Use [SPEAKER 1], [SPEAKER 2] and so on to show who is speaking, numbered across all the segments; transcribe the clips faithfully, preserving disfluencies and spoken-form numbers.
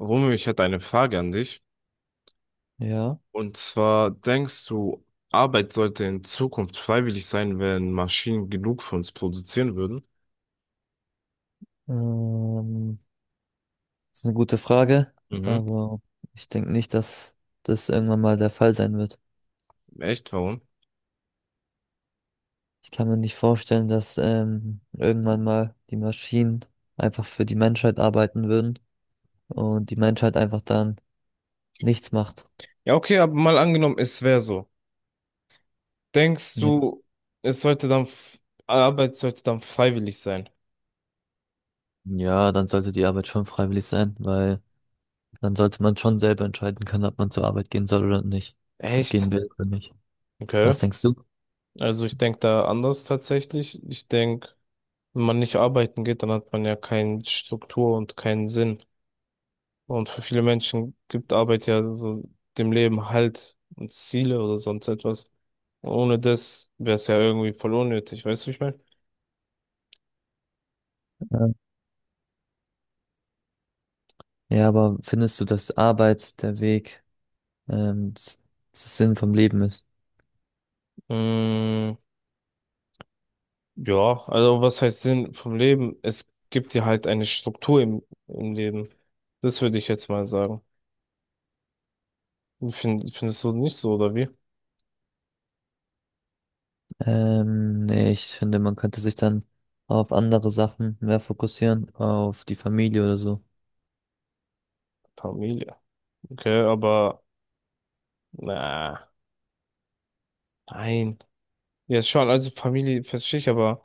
[SPEAKER 1] Romeo, ich hätte eine Frage an dich.
[SPEAKER 2] Ja,
[SPEAKER 1] Und zwar, denkst du, Arbeit sollte in Zukunft freiwillig sein, wenn Maschinen genug für uns produzieren würden?
[SPEAKER 2] ähm, ist eine gute Frage,
[SPEAKER 1] Mhm.
[SPEAKER 2] aber ich denke nicht, dass das irgendwann mal der Fall sein wird.
[SPEAKER 1] Echt, warum?
[SPEAKER 2] Ich kann mir nicht vorstellen, dass ähm, irgendwann mal die Maschinen einfach für die Menschheit arbeiten würden und die Menschheit einfach dann nichts macht.
[SPEAKER 1] Ja, okay, aber mal angenommen, es wäre so. Denkst
[SPEAKER 2] Ja.
[SPEAKER 1] du, es sollte dann, f- Arbeit sollte dann freiwillig sein?
[SPEAKER 2] Ja, dann sollte die Arbeit schon freiwillig sein, weil dann sollte man schon selber entscheiden können, ob man zur Arbeit gehen soll oder nicht,
[SPEAKER 1] Echt?
[SPEAKER 2] gehen will oder nicht.
[SPEAKER 1] Okay.
[SPEAKER 2] Was denkst du?
[SPEAKER 1] Also ich denke da anders tatsächlich. Ich denke, wenn man nicht arbeiten geht, dann hat man ja keine Struktur und keinen Sinn. Und für viele Menschen gibt Arbeit ja so dem Leben Halt und Ziele oder sonst etwas. Ohne das wäre es ja irgendwie voll unnötig, weißt du, wie ich meine?
[SPEAKER 2] Ähm, Ja, aber findest du, dass Arbeit der Weg, ähm, s- das Sinn vom Leben ist?
[SPEAKER 1] Mm, ja, also was heißt Sinn vom Leben? Es gibt dir halt eine Struktur im, im Leben. Das würde ich jetzt mal sagen. Find, findest du nicht so, oder wie?
[SPEAKER 2] Ähm, nee, ich finde, man könnte sich dann auf andere Sachen mehr fokussieren, auf die Familie oder so.
[SPEAKER 1] Familie. Okay, aber na, nein. Ja, schon, also Familie verstehe ich, aber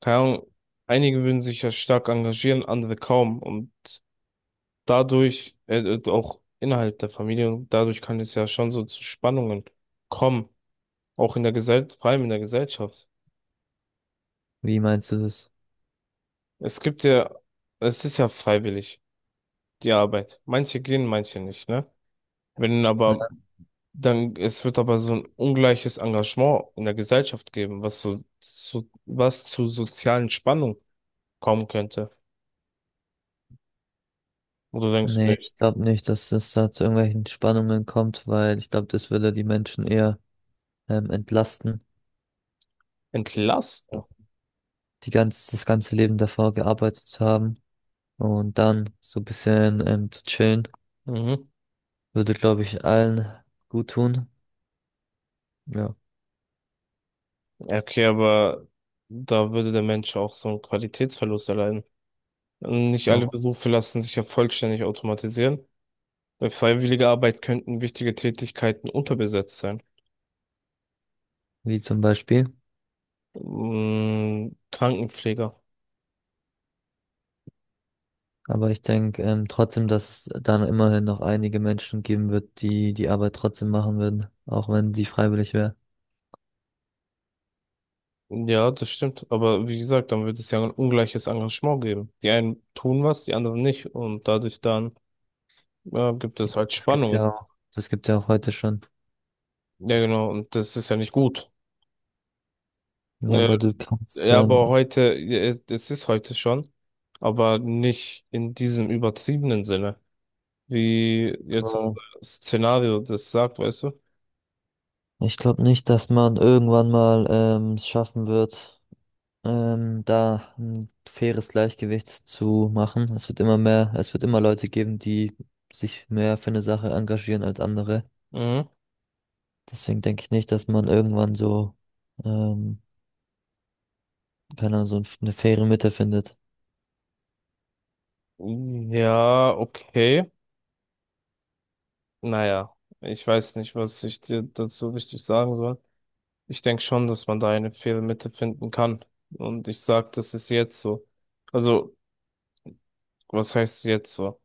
[SPEAKER 1] keine Ahnung, einige würden sich ja stark engagieren, andere kaum. Und dadurch, äh, äh, auch innerhalb der Familie, und dadurch kann es ja schon so zu Spannungen kommen, auch in der Gesellschaft, vor allem in der Gesellschaft.
[SPEAKER 2] Wie meinst du das?
[SPEAKER 1] Es gibt ja, es ist ja freiwillig, die Arbeit. Manche gehen, manche nicht, ne? Wenn aber,
[SPEAKER 2] Ja.
[SPEAKER 1] dann, es wird aber so ein ungleiches Engagement in der Gesellschaft geben, was so, so was zu sozialen Spannungen kommen könnte. Und du denkst du
[SPEAKER 2] Nee,
[SPEAKER 1] nicht,
[SPEAKER 2] ich glaube nicht, dass es da zu irgendwelchen Spannungen kommt, weil ich glaube, das würde die Menschen eher ähm, entlasten.
[SPEAKER 1] entlasten.
[SPEAKER 2] Die ganz, das ganze Leben davor gearbeitet zu haben und dann so ein bisschen ähm, zu chillen,
[SPEAKER 1] Mhm.
[SPEAKER 2] würde, glaube ich, allen gut tun. Ja,
[SPEAKER 1] Okay, aber da würde der Mensch auch so einen Qualitätsverlust erleiden. Nicht alle
[SPEAKER 2] auch
[SPEAKER 1] Berufe lassen sich ja vollständig automatisieren. Bei freiwilliger Arbeit könnten wichtige Tätigkeiten unterbesetzt sein.
[SPEAKER 2] wie zum Beispiel.
[SPEAKER 1] Mm, Krankenpfleger.
[SPEAKER 2] Aber ich denke, ähm, trotzdem, dass es dann immerhin noch einige Menschen geben wird, die die Arbeit trotzdem machen würden, auch wenn die freiwillig wäre.
[SPEAKER 1] Ja, das stimmt. Aber wie gesagt, dann wird es ja ein ungleiches Engagement geben. Die einen tun was, die anderen nicht. Und dadurch dann ja, gibt es halt
[SPEAKER 2] Das gibt's
[SPEAKER 1] Spannungen.
[SPEAKER 2] ja auch, das gibt's ja auch heute schon.
[SPEAKER 1] Ja, genau. Und das ist ja nicht gut.
[SPEAKER 2] Ja,
[SPEAKER 1] Äh,
[SPEAKER 2] aber du kannst
[SPEAKER 1] Ja,
[SPEAKER 2] ja,
[SPEAKER 1] aber heute, ja, es ist heute schon, aber nicht in diesem übertriebenen Sinne, wie jetzt
[SPEAKER 2] aber
[SPEAKER 1] unser Szenario das sagt, weißt du?
[SPEAKER 2] ich glaube nicht, dass man irgendwann mal ähm, es schaffen wird, ähm, da ein faires Gleichgewicht zu machen. Es wird immer mehr, es wird immer Leute geben, die sich mehr für eine Sache engagieren als andere.
[SPEAKER 1] Mhm.
[SPEAKER 2] Deswegen denke ich nicht, dass man irgendwann so, ähm, keine Ahnung, so ein- eine faire Mitte findet.
[SPEAKER 1] Ja, okay. Naja, ich weiß nicht, was ich dir dazu richtig sagen soll. Ich denke schon, dass man da eine Fehlmitte finden kann. Und ich sag, das ist jetzt so. Also, was heißt jetzt so?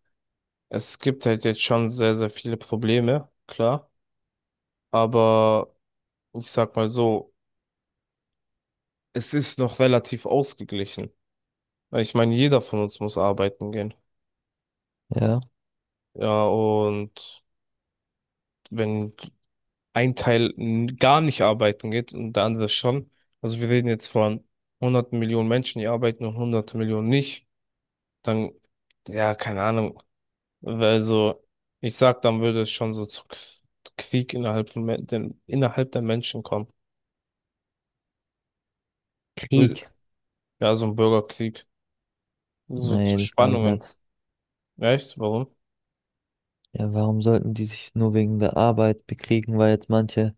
[SPEAKER 1] Es gibt halt jetzt schon sehr, sehr viele Probleme, klar. Aber ich sag mal so, es ist noch relativ ausgeglichen. Weil ich meine, jeder von uns muss arbeiten gehen.
[SPEAKER 2] Ja.
[SPEAKER 1] Ja, und wenn ein Teil n- gar nicht arbeiten geht und der andere schon. Also wir reden jetzt von hunderten Millionen Menschen, die arbeiten und hunderte Millionen nicht. Dann, ja, keine Ahnung. Also ich sag, dann würde es schon so zu K- Krieg innerhalb von Men- den, innerhalb der Menschen kommen. Wür-
[SPEAKER 2] Krieg.
[SPEAKER 1] Ja, so ein Bürgerkrieg, so
[SPEAKER 2] Nee,
[SPEAKER 1] zu
[SPEAKER 2] das glaube ich
[SPEAKER 1] Spannungen.
[SPEAKER 2] nicht.
[SPEAKER 1] Weißt du, warum?
[SPEAKER 2] Ja, warum sollten die sich nur wegen der Arbeit bekriegen, weil jetzt manche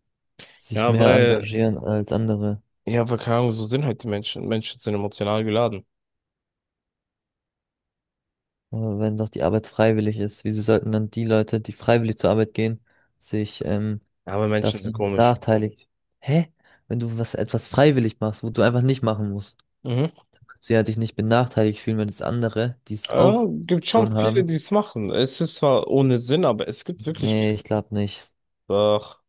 [SPEAKER 2] sich
[SPEAKER 1] Ja,
[SPEAKER 2] mehr
[SPEAKER 1] weil,
[SPEAKER 2] engagieren als andere?
[SPEAKER 1] ja, weil keine Ahnung, so sind halt die Menschen. Menschen sind emotional geladen.
[SPEAKER 2] Aber wenn doch die Arbeit freiwillig ist, wieso sollten dann die Leute, die freiwillig zur Arbeit gehen, sich ähm,
[SPEAKER 1] Aber Menschen sind
[SPEAKER 2] davon
[SPEAKER 1] komisch.
[SPEAKER 2] benachteiligt. Hä? Wenn du was etwas freiwillig machst, wo du einfach nicht machen musst,
[SPEAKER 1] Mhm.
[SPEAKER 2] dann kannst du ja dich nicht benachteiligt fühlen, wenn das andere, die es
[SPEAKER 1] Ja,
[SPEAKER 2] auch die
[SPEAKER 1] gibt schon
[SPEAKER 2] Option
[SPEAKER 1] viele,
[SPEAKER 2] haben.
[SPEAKER 1] die es machen. Es ist zwar ohne Sinn, aber es gibt wirklich viele.
[SPEAKER 2] Nee, ich glaube nicht.
[SPEAKER 1] Doch,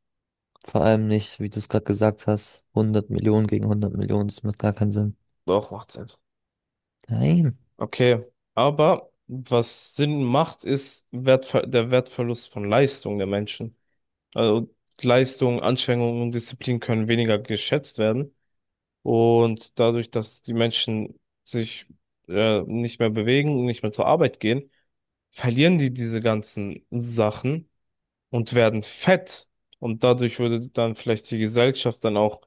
[SPEAKER 2] Vor allem nicht, wie du es gerade gesagt hast, hundert Millionen gegen hundert Millionen, das macht gar keinen Sinn.
[SPEAKER 1] doch, macht Sinn.
[SPEAKER 2] Nein.
[SPEAKER 1] Okay, aber was Sinn macht, ist Wertver der Wertverlust von Leistung der Menschen. Also Leistung, Anstrengung und Disziplin können weniger geschätzt werden. Und dadurch, dass die Menschen sich äh, nicht mehr bewegen, und nicht mehr zur Arbeit gehen, verlieren die diese ganzen Sachen und werden fett. Und dadurch würde dann vielleicht die Gesellschaft dann auch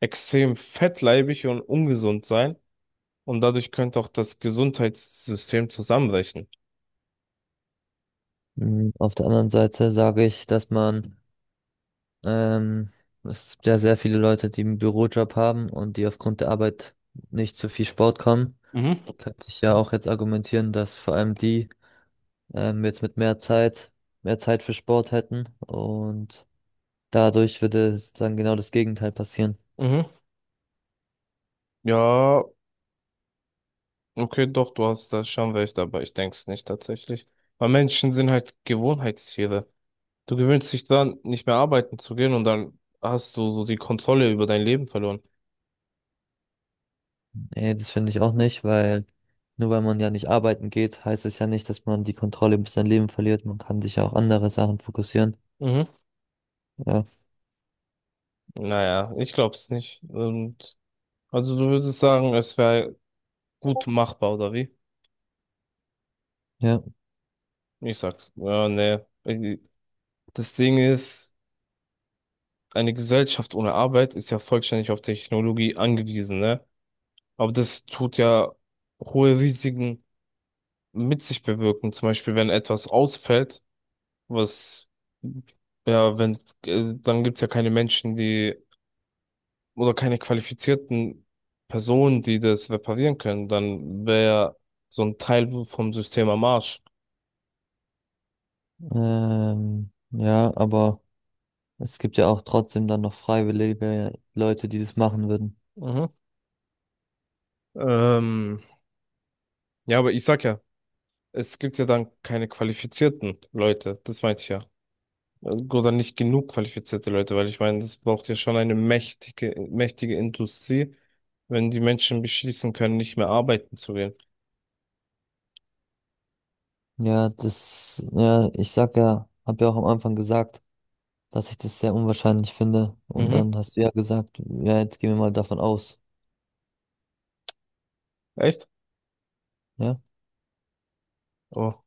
[SPEAKER 1] extrem fettleibig und ungesund sein und dadurch könnte auch das Gesundheitssystem zusammenbrechen.
[SPEAKER 2] Hm, auf der anderen Seite sage ich, dass man, ähm, es gibt ja sehr viele Leute, die einen Bürojob haben und die aufgrund der Arbeit nicht zu viel Sport kommen.
[SPEAKER 1] Mhm.
[SPEAKER 2] Könnte ich ja auch jetzt argumentieren, dass vor allem die, ähm, jetzt mit mehr Zeit, mehr Zeit für Sport hätten und dadurch würde dann genau das Gegenteil passieren.
[SPEAKER 1] Mhm. Ja, okay, doch, du hast da schon recht, aber ich denke es nicht tatsächlich. Weil Menschen sind halt Gewohnheitstiere. Du gewöhnst dich dran, nicht mehr arbeiten zu gehen und dann hast du so die Kontrolle über dein Leben verloren.
[SPEAKER 2] Nee, das finde ich auch nicht, weil nur weil man ja nicht arbeiten geht, heißt es ja nicht, dass man die Kontrolle über sein Leben verliert. Man kann sich ja auch andere Sachen fokussieren.
[SPEAKER 1] Mhm.
[SPEAKER 2] Ja,
[SPEAKER 1] Naja, ich glaub's nicht. Und also du würdest sagen, es wäre gut machbar, oder wie?
[SPEAKER 2] ja,
[SPEAKER 1] Ich sag's, ja, nee. Ich- Das Ding ist, eine Gesellschaft ohne Arbeit ist ja vollständig auf Technologie angewiesen, ne? Aber das tut ja hohe Risiken mit sich bewirken. Zum Beispiel, wenn etwas ausfällt, was, ja, wenn, äh, dann gibt's ja keine Menschen, die, oder keine qualifizierten Personen, die das reparieren können. Dann wäre so ein Teil vom System am Arsch.
[SPEAKER 2] ähm, ja, aber es gibt ja auch trotzdem dann noch freiwillige Leute, die das machen würden.
[SPEAKER 1] Mhm. Ähm, ja, aber ich sag ja, es gibt ja dann keine qualifizierten Leute, das meinte ich ja. Also oder nicht genug qualifizierte Leute, weil ich meine, das braucht ja schon eine mächtige, mächtige Industrie, wenn die Menschen beschließen können, nicht mehr arbeiten zu gehen.
[SPEAKER 2] Ja, das, ja, ich sag ja, hab ja auch am Anfang gesagt, dass ich das sehr unwahrscheinlich finde. Und
[SPEAKER 1] Mhm.
[SPEAKER 2] dann hast du ja gesagt, ja, jetzt gehen wir mal davon aus.
[SPEAKER 1] Echt?
[SPEAKER 2] Ja.
[SPEAKER 1] Oh,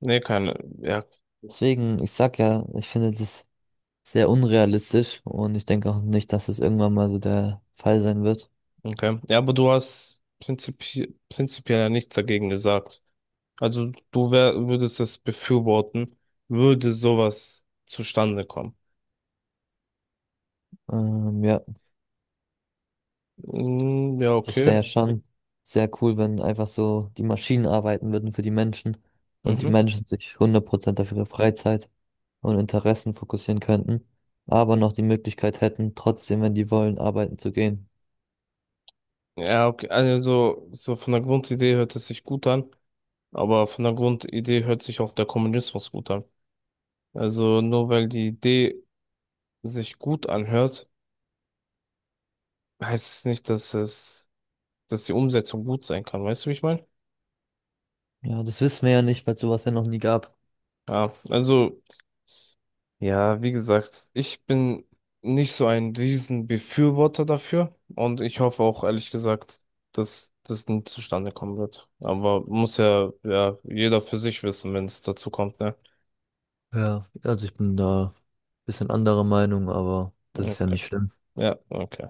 [SPEAKER 1] nee, keine. Ja,
[SPEAKER 2] Deswegen, ich sag ja, ich finde das sehr unrealistisch und ich denke auch nicht, dass es irgendwann mal so der Fall sein wird.
[SPEAKER 1] okay. Ja, aber du hast prinzipi prinzipiell ja nichts dagegen gesagt. Also du wär, würdest es befürworten, würde sowas zustande kommen.
[SPEAKER 2] Ähm, ja,
[SPEAKER 1] Mm, ja,
[SPEAKER 2] das wäre
[SPEAKER 1] okay.
[SPEAKER 2] ja schon sehr cool, wenn einfach so die Maschinen arbeiten würden für die Menschen und die
[SPEAKER 1] Mhm.
[SPEAKER 2] Menschen sich hundert Prozent auf ihre Freizeit und Interessen fokussieren könnten, aber noch die Möglichkeit hätten, trotzdem, wenn die wollen, arbeiten zu gehen.
[SPEAKER 1] Ja, okay. Also so von der Grundidee hört es sich gut an. Aber von der Grundidee hört sich auch der Kommunismus gut an. Also nur weil die Idee sich gut anhört, heißt es nicht, dass es, dass die Umsetzung gut sein kann. Weißt du, wie ich meine?
[SPEAKER 2] Ja, das wissen wir ja nicht, weil es sowas ja noch nie gab.
[SPEAKER 1] Ja, also, ja, wie gesagt, ich bin nicht so ein Riesenbefürworter dafür und ich hoffe auch ehrlich gesagt, dass das nie zustande kommen wird. Aber muss ja, ja, jeder für sich wissen, wenn es dazu kommt, ne?
[SPEAKER 2] Ja, also ich bin da ein bisschen anderer Meinung, aber das ist ja
[SPEAKER 1] Okay.
[SPEAKER 2] nicht schlimm.
[SPEAKER 1] Ja, okay.